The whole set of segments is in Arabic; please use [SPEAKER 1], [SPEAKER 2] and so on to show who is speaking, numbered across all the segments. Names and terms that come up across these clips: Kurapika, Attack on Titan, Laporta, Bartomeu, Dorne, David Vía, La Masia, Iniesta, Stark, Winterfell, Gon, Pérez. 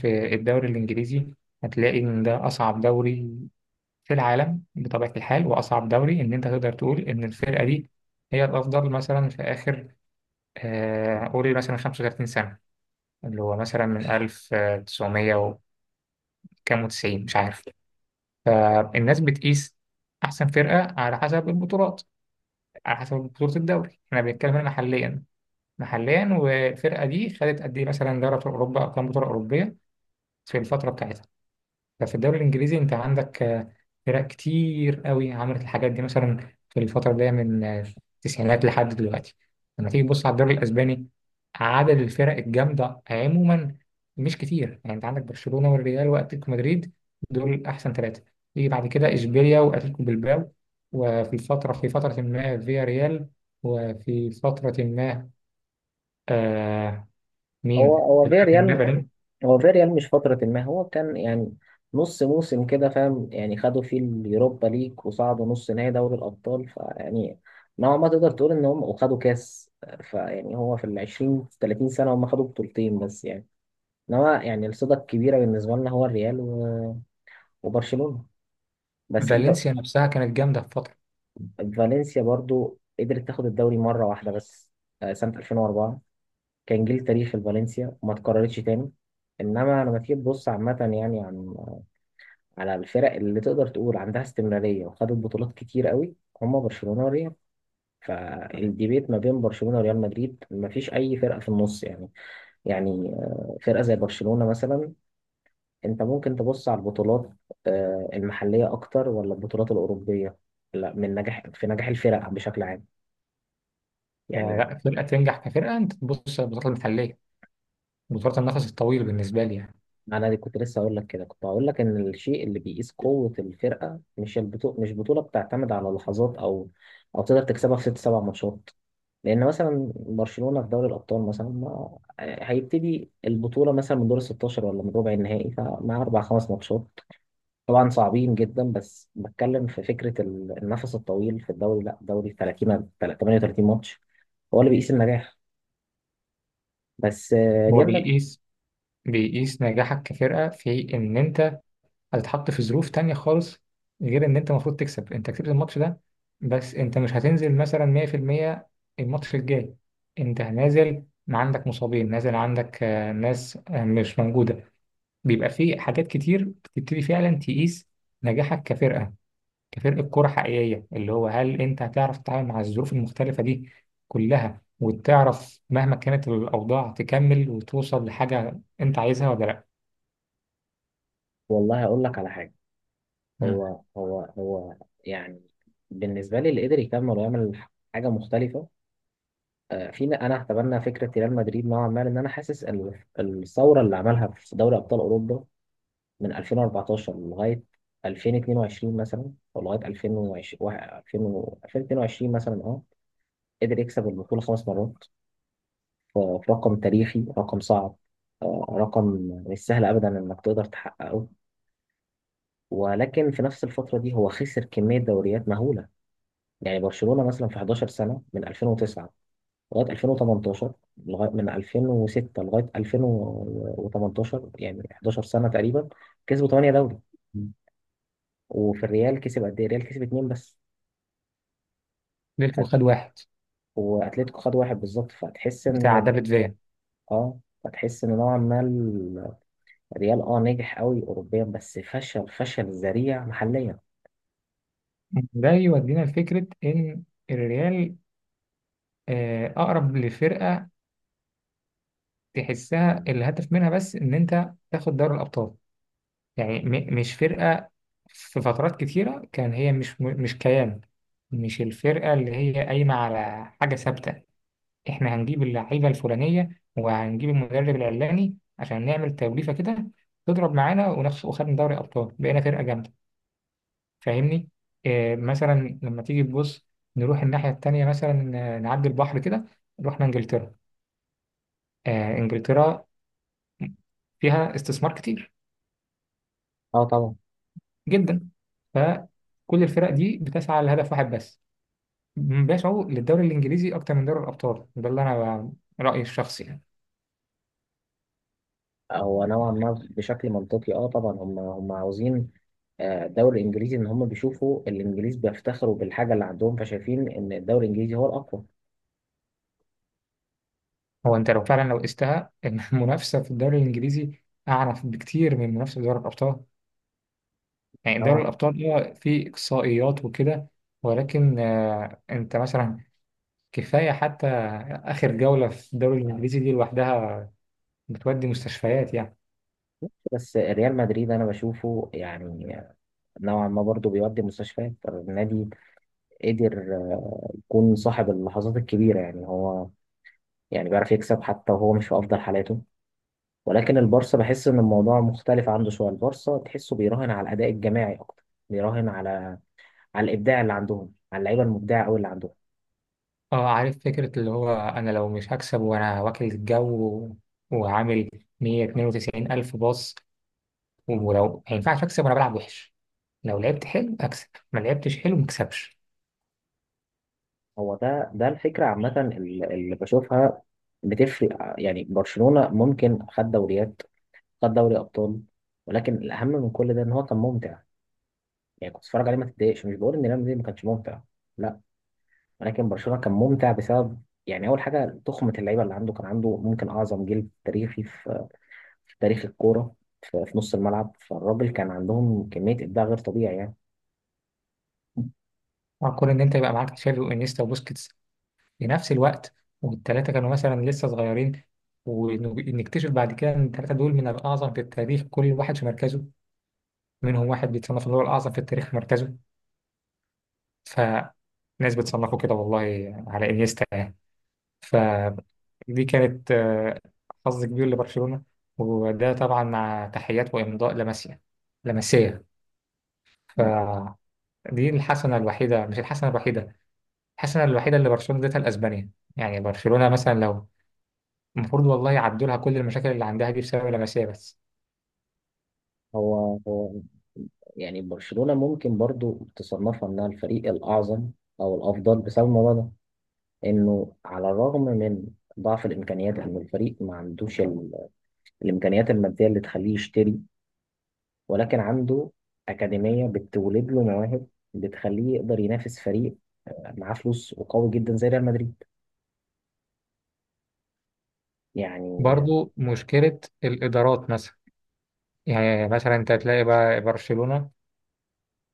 [SPEAKER 1] في الدوري الإنجليزي هتلاقي إن ده أصعب دوري في العالم بطبيعة الحال، وأصعب دوري إن أنت تقدر تقول إن الفرقة دي هي الأفضل مثلا في آخر، قول مثلا 35 سنة اللي هو مثلا من 1900 وكام وتسعين، مش عارف. فالناس بتقيس أحسن فرقة على حسب البطولات، على حسب بطولة الدوري. إحنا بنتكلم هنا محليا، محليا. والفرقة دي خدت قد إيه مثلا دوري أبطال أوروبا، أو كام بطولة أوروبية في الفترة بتاعتها. ففي الدوري الإنجليزي أنت عندك فرق كتير قوي عملت الحاجات دي، مثلا في الفترة اللي هي من التسعينات لحد دلوقتي. لما تيجي تبص على الدوري الأسباني، عدد الفرق الجامدة عموما مش كتير، يعني أنت عندك برشلونة والريال وأتلتيكو مدريد، دول أحسن ثلاثة. تيجي بعد كده إشبيليا وأتلتيكو بلباو، وفي فترة ما فيا ريال، وفي فترة ما، آه،
[SPEAKER 2] هو
[SPEAKER 1] مين؟
[SPEAKER 2] هو
[SPEAKER 1] في فترة ما
[SPEAKER 2] فيريال.
[SPEAKER 1] فالن-
[SPEAKER 2] فيريال مش فترة، ما هو كان يعني نص موسم كده، فاهم؟ يعني خدوا فيه اليوروبا ليج وصعدوا نص نهائي دوري الأبطال، فيعني نوعا ما تقدر تقول إن هم وخدوا كاس. فيعني هو في العشرين تلاتين سنة هم خدوا بطولتين بس يعني. إنما يعني الصدى الكبيرة بالنسبة لنا هو الريال وبرشلونة. بس أنت...
[SPEAKER 1] فالنسيا نفسها كانت جامدة في فترة.
[SPEAKER 2] فالنسيا برضو قدرت تاخد الدوري مرة واحدة بس. سنة 2004 كان جيل تاريخي لفالنسيا وما اتكررتش تاني. انما لما تيجي تبص عامه، يعني على الفرق اللي تقدر تقول عندها استمرارية وخدت بطولات كتير قوي، هما برشلونة وريال. فالديبيت ما بين برشلونة وريال مدريد ما فيش أي فرقة في النص يعني. يعني فرقة زي برشلونة مثلا، أنت ممكن تبص على البطولات المحلية أكتر ولا البطولات الأوروبية؟ لا، من نجاح في نجاح الفرق بشكل عام يعني.
[SPEAKER 1] فلا فرقة تنجح كفرقة. أنت تبص على البطولات المحلية، بطولات النفس الطويل بالنسبة لي يعني.
[SPEAKER 2] أنا دي كنت لسه أقول لك كده، كنت هقول لك إن الشيء اللي بيقيس قوة الفرقة مش البطولة، مش بطولة بتعتمد على لحظات، أو تقدر تكسبها في ست سبع ماتشات. لان مثلا برشلونه في دوري الابطال مثلا ما هيبتدي البطوله مثلا من دور ال 16 ولا من ربع النهائي، فمع اربع خمس ماتشات طبعا صعبين جدا. بس بتكلم في النفس الطويل في الدوري. لا، الدوري 38 ماتش هو اللي بيقيس النجاح. بس
[SPEAKER 1] هو
[SPEAKER 2] ريال مدريد...
[SPEAKER 1] بيقيس بيقيس نجاحك كفرقة في إن أنت هتتحط في ظروف تانية خالص، غير إن أنت المفروض تكسب. أنت كسبت الماتش ده، بس أنت مش هتنزل مثلا 100% الماتش الجاي. أنت نازل ما عندك مصابين، نازل عندك ناس مش موجودة. بيبقى في حاجات كتير بتبتدي فعلا تقيس نجاحك كفرقة، كفرقة كورة حقيقية، اللي هو هل أنت هتعرف تتعامل مع الظروف المختلفة دي كلها، وتعرف مهما كانت الأوضاع تكمل وتوصل لحاجة أنت عايزها ولا لأ؟
[SPEAKER 2] والله هقول لك على حاجه.
[SPEAKER 1] مم.
[SPEAKER 2] هو يعني بالنسبه لي، اللي قدر يكمل ويعمل حاجه مختلفه انا هتبنى فكره ريال مدريد نوعا ما، لان انا حاسس الثوره اللي عملها في دوري ابطال اوروبا من 2014 لغاية 2022 مثلا، أو لغاية 2020 2022 مثلا. أه، قدر يكسب البطولة 5 مرات، في رقم تاريخي، رقم صعب، رقم مش سهل أبدا إنك تقدر تحققه. ولكن في نفس الفترة دي هو خسر كمية دوريات مهولة. يعني برشلونة مثلا في 11 سنة، من 2009 لغاية 2018 لغاية من 2006 لغاية 2018، يعني 11 سنة تقريبا، كسبوا 8 دوري. وفي الريال كسب، قد ايه الريال كسب؟ اتنين بس.
[SPEAKER 1] ليلته
[SPEAKER 2] فت...
[SPEAKER 1] خد واحد
[SPEAKER 2] واتلتيكو خد واحد بالظبط، فتحس
[SPEAKER 1] بتاع
[SPEAKER 2] ان...
[SPEAKER 1] دافيد فيا.
[SPEAKER 2] اه، فتحس ان نوعا ما الريال اه نجح قوي اوروبيا بس فشل فشل ذريع محليا.
[SPEAKER 1] ده يودينا لفكرة إن الريال أقرب لفرقة تحسها الهدف منها بس إن أنت تاخد دوري الأبطال. يعني مش فرقة، في فترات كتيرة كان هي مش كيان، مش الفرقة اللي هي قايمة على حاجة ثابتة. احنا هنجيب اللعيبه الفلانيه وهنجيب المدرب العلاني عشان نعمل توليفه كده تضرب معانا ونخش وخدنا دوري ابطال بقينا فرقه جامده، فاهمني؟ إيه مثلا لما تيجي تبص، نروح الناحيه التانيه مثلا، نعدي البحر كده، رحنا انجلترا. آه، انجلترا فيها استثمار كتير
[SPEAKER 2] اه طبعا.
[SPEAKER 1] جدا. فكل الفرق دي بتسعى لهدف واحد بس، بيسعوا للدوري الانجليزي اكتر من دوري الابطال. ده اللي انا رايي الشخصي يعني.
[SPEAKER 2] هو نوعا ما بشكل منطقي، اه طبعا هم عاوزين الدوري الانجليزي. ان هم بيشوفوا الانجليز بيفتخروا بالحاجه اللي عندهم، فشايفين ان الدوري الانجليزي هو الاقوى.
[SPEAKER 1] هو انت لو فعلا لو قستها إن المنافسه في الدوري الانجليزي اعنف بكتير من المنافسه في دوري الابطال. يعني دوري
[SPEAKER 2] نوعا.
[SPEAKER 1] الابطال هو فيه اقصائيات وكده، ولكن انت مثلا كفايه حتى اخر جوله في الدوري الانجليزي دي لوحدها بتودي مستشفيات يعني.
[SPEAKER 2] بس ريال مدريد انا بشوفه يعني نوعا ما برضه بيودي مستشفيات النادي. قدر يكون صاحب اللحظات الكبيرة، يعني هو يعني بيعرف يكسب حتى وهو مش في أفضل حالاته. ولكن البارسا بحس إن الموضوع مختلف عنده شوية. البارسا تحسه بيراهن على الأداء الجماعي أكتر، بيراهن على الإبداع اللي عندهم، على اللعيبة المبدعة أوي اللي عندهم.
[SPEAKER 1] اه، عارف فكره اللي هو انا لو مش هكسب وانا واكل الجو وعامل 192 الف باص، ولو ما ينفعش اكسب وانا بلعب وحش، لو لعبت حلو اكسب، ما لعبتش حلو ما اكسبش.
[SPEAKER 2] هو ده الفكرة عامة اللي بشوفها بتفرق. يعني برشلونة ممكن خد دوريات، خد دوري أبطال، ولكن الأهم من كل ده إن هو كان ممتع. يعني كنت بتتفرج عليه ما تتضايقش. مش بقول إن ريال مدريد ما كانش ممتع، لا، ولكن برشلونه كان ممتع بسبب يعني اول حاجه، تخمه اللعيبه اللي عنده. كان عنده ممكن اعظم جيل تاريخي في تاريخ الكوره، في نص الملعب. فالراجل كان عندهم كميه ابداع غير طبيعي يعني.
[SPEAKER 1] اه، كون ان انت يبقى معاك تشافي وانيستا وبوسكيتس في نفس الوقت، والثلاثه كانوا مثلا لسه صغيرين، ونكتشف بعد كده ان الثلاثه دول من الاعظم في التاريخ كل واحد في مركزه. منهم واحد بيتصنف ان هو الاعظم في التاريخ في مركزه، فناس بتصنفه كده والله على انيستا يعني. فدي كانت حظ كبير لبرشلونه، وده طبعا مع تحيات وامضاء لاماسيا، لاماسيا. فدي الحسنه الوحيده، مش الحسنه الوحيده, الحسنه الوحيده اللي برشلونه اديتها لاسبانيا. يعني برشلونة مثلا، لو المفروض والله يعدوا لها كل المشاكل اللي عندها دي بسبب اللمسيه بس.
[SPEAKER 2] هو يعني برشلونة ممكن برضو تصنفها انها الفريق الأعظم أو الأفضل بسبب الموضوع ده، إنه على الرغم من ضعف الإمكانيات، إن الفريق ما عندوش الإمكانيات المادية اللي تخليه يشتري، ولكن عنده أكاديمية بتولد له مواهب بتخليه يقدر ينافس فريق معاه فلوس وقوي جدا زي ريال مدريد يعني.
[SPEAKER 1] برضو مشكله الادارات مثلا، يعني مثلا انت تلاقي بقى برشلونه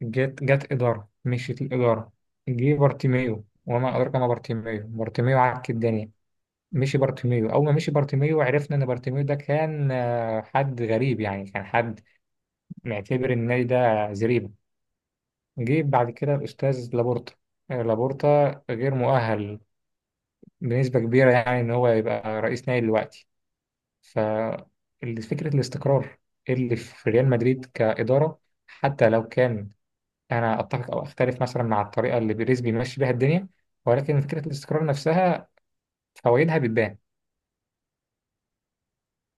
[SPEAKER 1] جت اداره، مشيت الاداره، جه بارتيميو وما ادراك ما بارتيميو. بارتيميو عك الدنيا، مشي بارتيميو. اول ما مشي بارتيميو عرفنا ان بارتيميو ده كان حد غريب، يعني كان حد معتبر النادي ده زريبه. جه بعد كده الاستاذ لابورتا. لابورتا غير مؤهل بنسبه كبيره يعني ان هو يبقى رئيس نادي دلوقتي. ففكرة الاستقرار اللي في ريال مدريد كإدارة، حتى لو كان أنا أتفق أو أختلف مثلا مع الطريقة اللي بيريز بيمشي بيها الدنيا، ولكن فكرة الاستقرار نفسها فوائدها بتبان.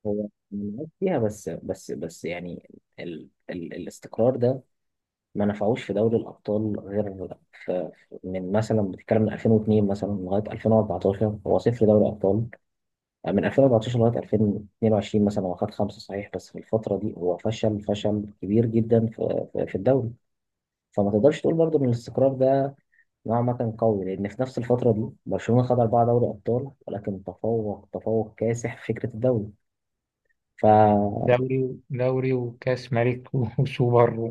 [SPEAKER 2] هو مميز فيها، بس بس بس يعني ال الاستقرار ده ما نفعوش في دوري الأبطال غير في... من مثلا بتتكلم من 2002 مثلا لغاية 2014 هو صفر دوري أبطال. من 2014 لغاية 2022 مثلا هو خد 5 صحيح، بس في الفترة دي هو فشل فشل كبير جدا في في الدوري. فما تقدرش تقول برضه ان الاستقرار ده نوعا ما كان قوي، لأن في نفس الفترة دي برشلونة خد 4 دوري أبطال، ولكن تفوق تفوق كاسح في فكرة الدوري. ف...
[SPEAKER 1] دوري وكأس ملك وسوبر و...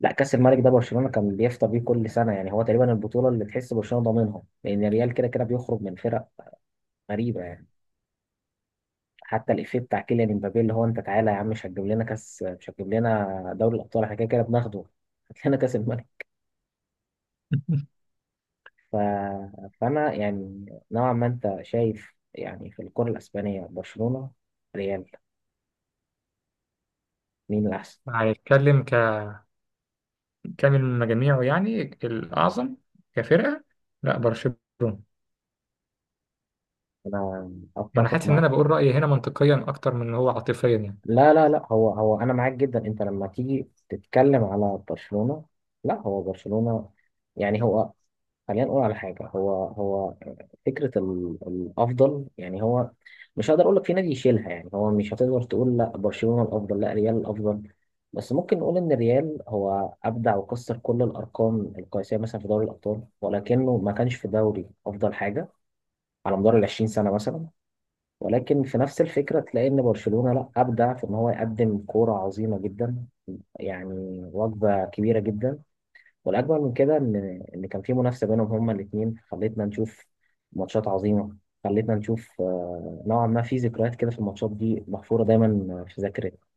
[SPEAKER 2] لا، كأس الملك ده برشلونة كان بيفطر بيه كل سنة يعني، هو تقريبا البطولة اللي تحس برشلونة ضامنها، لأن الريال كده كده بيخرج من فرق غريبة يعني. حتى الإفيه بتاع كيليان امبابي اللي هو: أنت تعالى يا عم، مش هتجيب لنا كأس، مش هتجيب لنا دوري الأبطال، احنا كده كده بناخده هات لنا كأس الملك. ف... فأنا يعني نوعا ما أنت شايف يعني في الكرة الأسبانية، برشلونة، ريال، مين الأحسن؟
[SPEAKER 1] هنتكلم ككامل مجاميعه، يعني الأعظم كفرقة، لا برشلونة. ما
[SPEAKER 2] انا
[SPEAKER 1] أنا
[SPEAKER 2] اتفق
[SPEAKER 1] حاسس إن
[SPEAKER 2] معاك.
[SPEAKER 1] أنا بقول رأيي هنا منطقيا أكتر من إن هو عاطفيا يعني.
[SPEAKER 2] لا لا لا، هو هو انا معاك جدا. انت لما تيجي تتكلم على برشلونة، لا، هو برشلونة يعني هو خلينا نقول على حاجة. هو فكرة الافضل يعني، هو مش هقدر اقول لك في نادي يشيلها يعني. هو مش هتقدر تقول لا برشلونة الافضل لا ريال الافضل، بس ممكن نقول ان ريال هو ابدع وكسر كل الارقام القياسية مثلا في دوري الابطال، ولكنه ما كانش في دوري افضل حاجة على مدار ال 20 سنة مثلا. ولكن في نفس الفكرة تلاقي إن برشلونة لأ أبدع في إن هو يقدم كورة عظيمة جدا، يعني وجبة كبيرة جدا. والأجمل من كده إن إن كان في منافسة بينهم هما الاتنين، خلتنا نشوف ماتشات عظيمة، خلتنا نشوف نوعا ما في ذكريات كده في الماتشات دي محفورة دايما في ذاكرتنا.